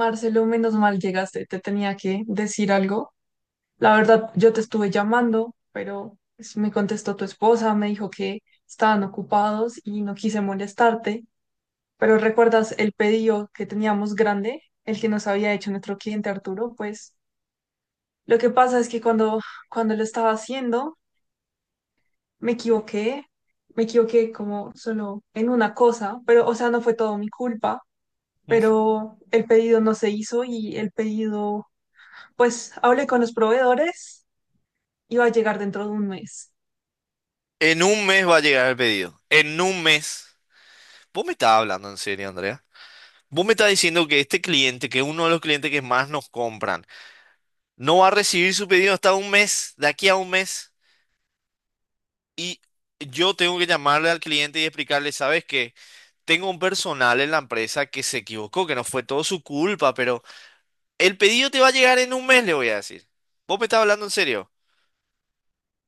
Marcelo, menos mal llegaste, te tenía que decir algo. La verdad, yo te estuve llamando, pero pues, me contestó tu esposa, me dijo que estaban ocupados y no quise molestarte. Pero ¿recuerdas el pedido que teníamos grande, el que nos había hecho nuestro cliente Arturo? Pues lo que pasa es que cuando lo estaba haciendo, me equivoqué, me equivoqué como solo en una cosa, pero o sea, no fue todo mi culpa, Mm. pero el pedido no se hizo y el pedido. Pues hablé con los proveedores y va a llegar dentro de un mes. En un mes va a llegar el pedido. En un mes. Vos me estás hablando en serio, Andrea. Vos me estás diciendo que este cliente, que es uno de los clientes que más nos compran, no va a recibir su pedido hasta un mes, de aquí a un mes. Y yo tengo que llamarle al cliente y explicarle, ¿sabes qué? Tengo un personal en la empresa que se equivocó, que no fue todo su culpa, pero el pedido te va a llegar en un mes, le voy a decir. ¿Vos me estás hablando en serio?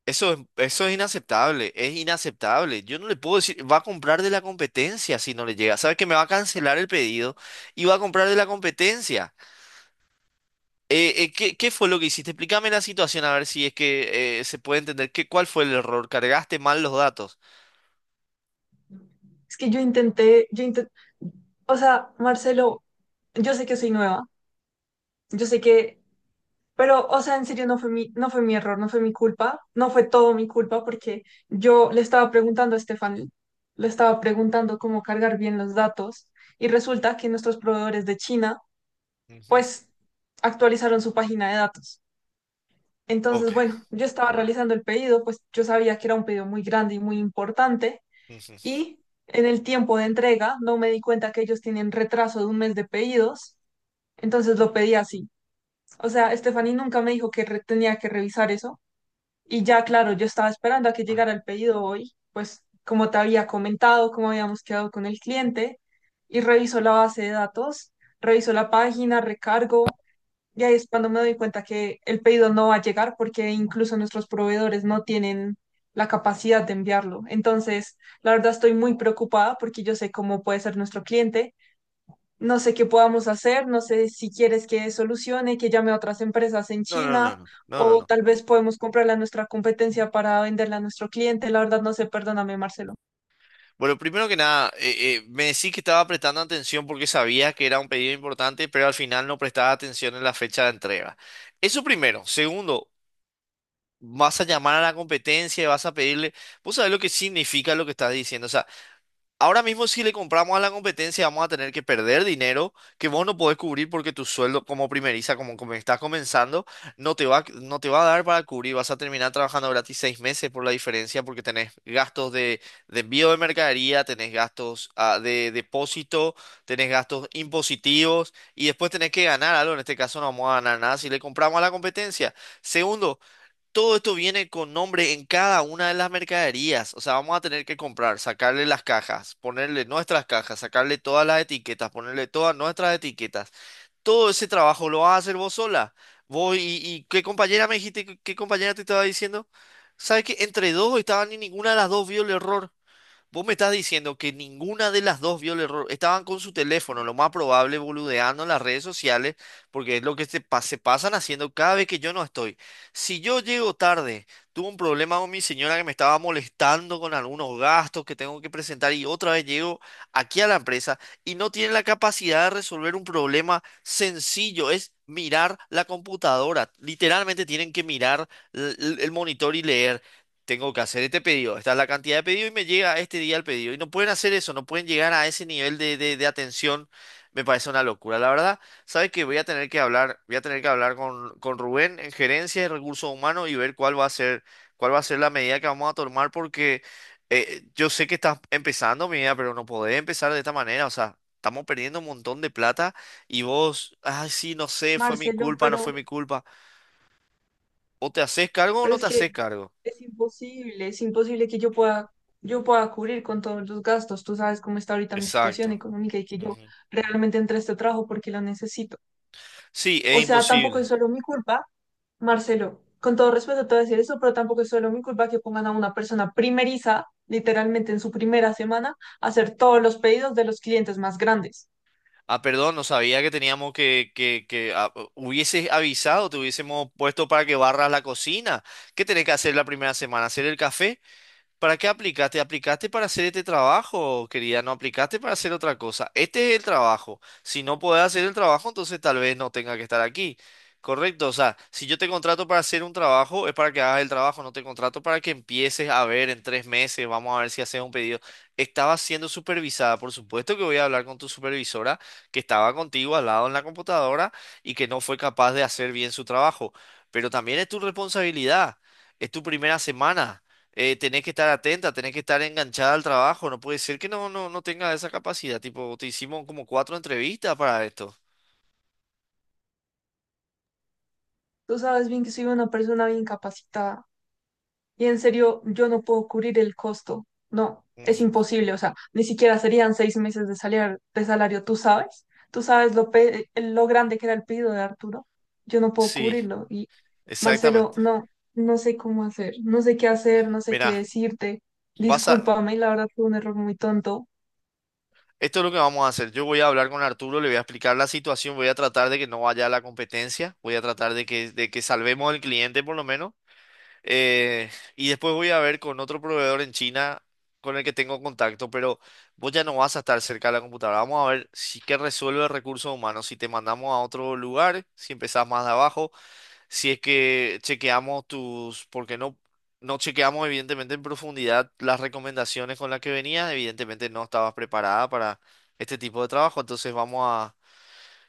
Eso es inaceptable, es inaceptable. Yo no le puedo decir, va a comprar de la competencia si no le llega. Sabe que me va a cancelar el pedido y va a comprar de la competencia. ¿Qué fue lo que hiciste? Explícame la situación a ver si es que se puede entender cuál fue el error. ¿Cargaste mal los datos? Es que yo intenté, o sea, Marcelo, yo sé que soy nueva, yo sé que, pero, o sea, en serio no fue mi error, no fue mi culpa, no fue todo mi culpa porque yo le estaba preguntando a Stephanie, le estaba preguntando cómo cargar bien los datos y resulta que nuestros proveedores de China, Ujú. pues, actualizaron su página de datos. Ok. Entonces, bueno, yo estaba realizando el pedido, pues yo sabía que era un pedido muy grande y muy importante, Ujú. y en el tiempo de entrega no me di cuenta que ellos tienen retraso de un mes de pedidos, entonces lo pedí así. O sea, Stephanie nunca me dijo que tenía que revisar eso y ya, claro, yo estaba esperando a que Ah. llegara el pedido hoy, pues como te había comentado, como habíamos quedado con el cliente, y reviso la base de datos, reviso la página, recargo. Y ahí es cuando me doy cuenta que el pedido no va a llegar porque incluso nuestros proveedores no tienen la capacidad de enviarlo. Entonces, la verdad estoy muy preocupada porque yo sé cómo puede ser nuestro cliente, no sé qué podamos hacer, no sé si quieres que solucione, que llame a otras empresas en No, no, no, China, no, no, no, o no. tal vez podemos comprarle a nuestra competencia para venderla a nuestro cliente. La verdad no sé, perdóname, Marcelo. Bueno, primero que nada, me decís que estaba prestando atención porque sabía que era un pedido importante, pero al final no prestaba atención en la fecha de entrega. Eso primero. Segundo, vas a llamar a la competencia y vas a pedirle, vos sabés lo que significa lo que estás diciendo. O sea, ahora mismo si le compramos a la competencia vamos a tener que perder dinero que vos no podés cubrir porque tu sueldo como primeriza, como estás comenzando, no te va a dar para cubrir. Vas a terminar trabajando gratis seis meses por la diferencia porque tenés gastos de envío de mercadería, tenés gastos de depósito, tenés gastos impositivos y después tenés que ganar algo. En este caso no vamos a ganar nada si le compramos a la competencia. Segundo, todo esto viene con nombre en cada una de las mercaderías. O sea, vamos a tener que comprar, sacarle las cajas, ponerle nuestras cajas, sacarle todas las etiquetas, ponerle todas nuestras etiquetas. Todo ese trabajo lo vas a hacer vos sola. Vos y qué compañera me dijiste, qué compañera te estaba diciendo. ¿Sabes qué? Entre dos estaban y ninguna de las dos vio el error. Vos me estás diciendo que ninguna de las dos vio el error. Estaban con su teléfono, lo más probable, boludeando en las redes sociales, porque es lo que se pasan haciendo cada vez que yo no estoy. Si yo llego tarde, tuve un problema con mi señora que me estaba molestando con algunos gastos que tengo que presentar y otra vez llego aquí a la empresa y no tienen la capacidad de resolver un problema sencillo, es mirar la computadora. Literalmente tienen que mirar el monitor y leer tengo que hacer este pedido, esta es la cantidad de pedido y me llega este día el pedido. Y no pueden hacer eso, no pueden llegar a ese nivel de atención. Me parece una locura. La verdad, sabes que voy a tener que hablar, voy a tener que hablar con Rubén en gerencia de recursos humanos y ver cuál va a ser la medida que vamos a tomar, porque yo sé que estás empezando, mi vida, pero no podés empezar de esta manera. O sea, estamos perdiendo un montón de plata y vos, ay, sí, no sé, fue mi Marcelo, culpa, no pero... fue mi culpa. O te haces cargo o Pero no es te que haces cargo. Es imposible que yo pueda cubrir con todos los gastos. Tú sabes cómo está ahorita mi situación Exacto. económica y que yo Ujú. realmente entré a este trabajo porque lo necesito. Sí, es O sea, tampoco imposible. es solo mi culpa, Marcelo. Con todo respeto te voy a decir eso, pero tampoco es solo mi culpa que pongan a una persona primeriza, literalmente en su primera semana, a hacer todos los pedidos de los clientes más grandes. Perdón, no sabía que teníamos que hubieses avisado, te hubiésemos puesto para que barras la cocina. ¿Qué tenés que hacer la primera semana? ¿Hacer el café? ¿Para qué aplicaste? Aplicaste para hacer este trabajo, querida, no aplicaste para hacer otra cosa. Este es el trabajo. Si no podés hacer el trabajo, entonces tal vez no tenga que estar aquí. Correcto, o sea, si yo te contrato para hacer un trabajo, es para que hagas el trabajo, no te contrato para que empieces a ver en tres meses, vamos a ver si haces un pedido. Estaba siendo supervisada, por supuesto que voy a hablar con tu supervisora que estaba contigo al lado en la computadora y que no fue capaz de hacer bien su trabajo, pero también es tu responsabilidad, es tu primera semana. Tenés que estar atenta, tenés que estar enganchada al trabajo, no puede ser que no tenga esa capacidad, tipo, te hicimos como cuatro entrevistas para esto. Tú sabes bien que soy una persona bien capacitada. Y en serio, yo no puedo cubrir el costo. No, es Ujú. imposible. O sea, ni siquiera serían 6 meses de de salario. ¿Tú sabes? ¿Tú sabes lo, lo grande que era el pedido de Arturo? Yo no puedo Sí, cubrirlo. Y Marcelo, exactamente. no, no sé cómo hacer. No sé qué hacer, no sé qué Mirá, decirte. vas a, Discúlpame, la verdad fue un error muy tonto. esto es lo que vamos a hacer. Yo voy a hablar con Arturo, le voy a explicar la situación, voy a tratar de que no vaya a la competencia, voy a tratar de que salvemos al cliente por lo menos. Eh, y después voy a ver con otro proveedor en China con el que tengo contacto, pero vos ya no vas a estar cerca de la computadora. Vamos a ver si que resuelve recursos humanos, si te mandamos a otro lugar, si empezás más de abajo, si es que chequeamos tus, porque no chequeamos evidentemente en profundidad las recomendaciones con las que venías, evidentemente no estabas preparada para este tipo de trabajo, entonces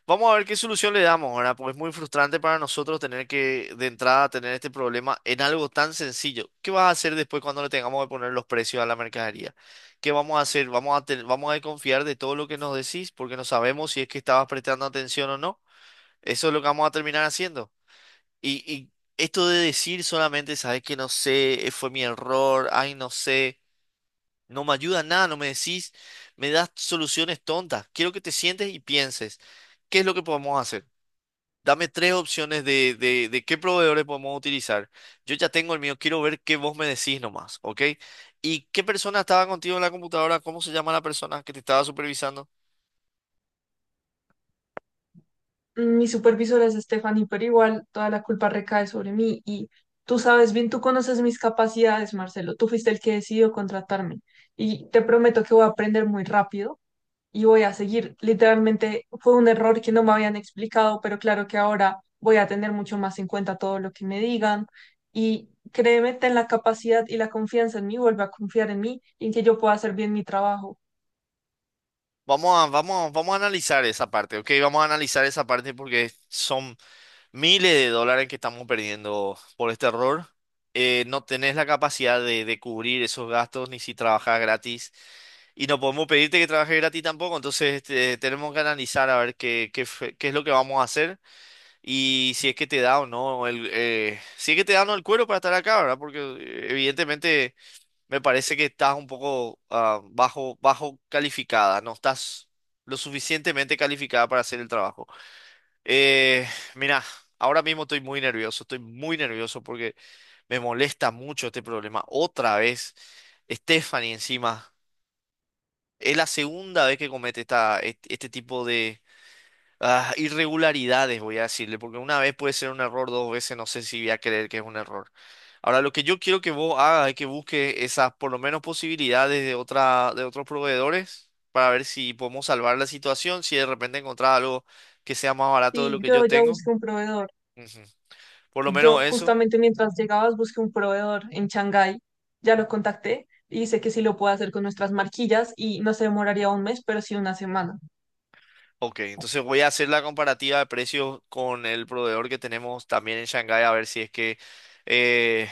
Vamos a ver qué solución le damos, ¿verdad? Porque es muy frustrante para nosotros tener que, de entrada, tener este problema en algo tan sencillo. ¿Qué vas a hacer después cuando le tengamos que poner los precios a la mercadería? ¿Qué vamos a hacer? ¿Vamos a desconfiar de todo lo que nos decís porque no sabemos si es que estabas prestando atención o no? Eso es lo que vamos a terminar haciendo. Y esto de decir solamente, sabes que no sé, fue mi error, ay, no sé, no me ayuda en nada, no me decís, me das soluciones tontas. Quiero que te sientes y pienses, ¿qué es lo que podemos hacer? Dame tres opciones de qué proveedores podemos utilizar. Yo ya tengo el mío, quiero ver qué vos me decís nomás, ¿ok? ¿Y qué persona estaba contigo en la computadora? ¿Cómo se llama la persona que te estaba supervisando? Mi supervisor es Stephanie, pero igual toda la culpa recae sobre mí, y tú sabes bien, tú conoces mis capacidades, Marcelo. Tú fuiste el que decidió contratarme y te prometo que voy a aprender muy rápido y voy a seguir. Literalmente fue un error que no me habían explicado, pero claro que ahora voy a tener mucho más en cuenta todo lo que me digan y créeme, ten la capacidad y la confianza en mí, vuelve a confiar en mí y en que yo pueda hacer bien mi trabajo. Vamos a analizar esa parte, ¿ok? Vamos a analizar esa parte porque son miles de dólares que estamos perdiendo por este error. No tenés la capacidad de cubrir esos gastos ni si trabajas gratis. Y no podemos pedirte que trabajes gratis tampoco. Entonces, este, tenemos que analizar a ver qué es lo que vamos a hacer. Y si es que te da o no el, si es que te da o no el cuero para estar acá, ¿verdad? Porque evidentemente me parece que estás un poco bajo calificada, no estás lo suficientemente calificada para hacer el trabajo. Eh, Mira, ahora mismo estoy muy nervioso porque me molesta mucho este problema. Otra vez, Stephanie encima, es la segunda vez que comete este tipo irregularidades, voy a decirle, porque una vez puede ser un error, dos veces no sé si voy a creer que es un error. Ahora, lo que yo quiero que vos hagas es que busques esas, por lo menos, posibilidades de otros proveedores para ver si podemos salvar la situación, si de repente encontrar algo que sea más barato de Sí, lo que yo yo ya tengo. busqué un proveedor. Ujú. Por lo menos Yo eso. justamente mientras llegabas busqué un proveedor en Shanghái, ya lo contacté y dice que sí lo puede hacer con nuestras marquillas y no se demoraría un mes, pero sí 1 semana. Ok, entonces voy a hacer la comparativa de precios con el proveedor que tenemos también en Shanghái a ver eh,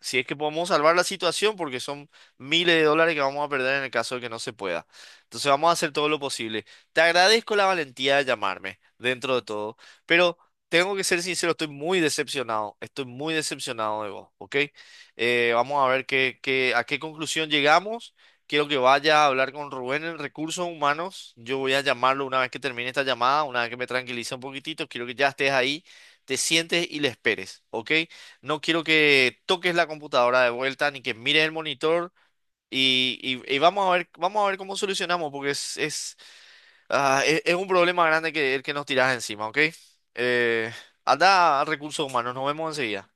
si es que podemos salvar la situación porque son miles de dólares que vamos a perder en el caso de que no se pueda. Entonces vamos a hacer todo lo posible. Te agradezco la valentía de llamarme dentro de todo, pero tengo que ser sincero, estoy muy decepcionado de vos, ¿ok? Vamos a ver qué, a qué conclusión llegamos. Quiero que vaya a hablar con Rubén en Recursos Humanos. Yo voy a llamarlo una vez que termine esta llamada, una vez que me tranquilice un poquitito. Quiero que ya estés ahí, te sientes y le esperes, ¿ok? No quiero que toques la computadora de vuelta ni que mires el monitor. Y vamos a ver cómo solucionamos, porque es un problema grande el que nos tiras encima, ¿ok? Eh, Anda a Recursos Humanos, nos vemos enseguida.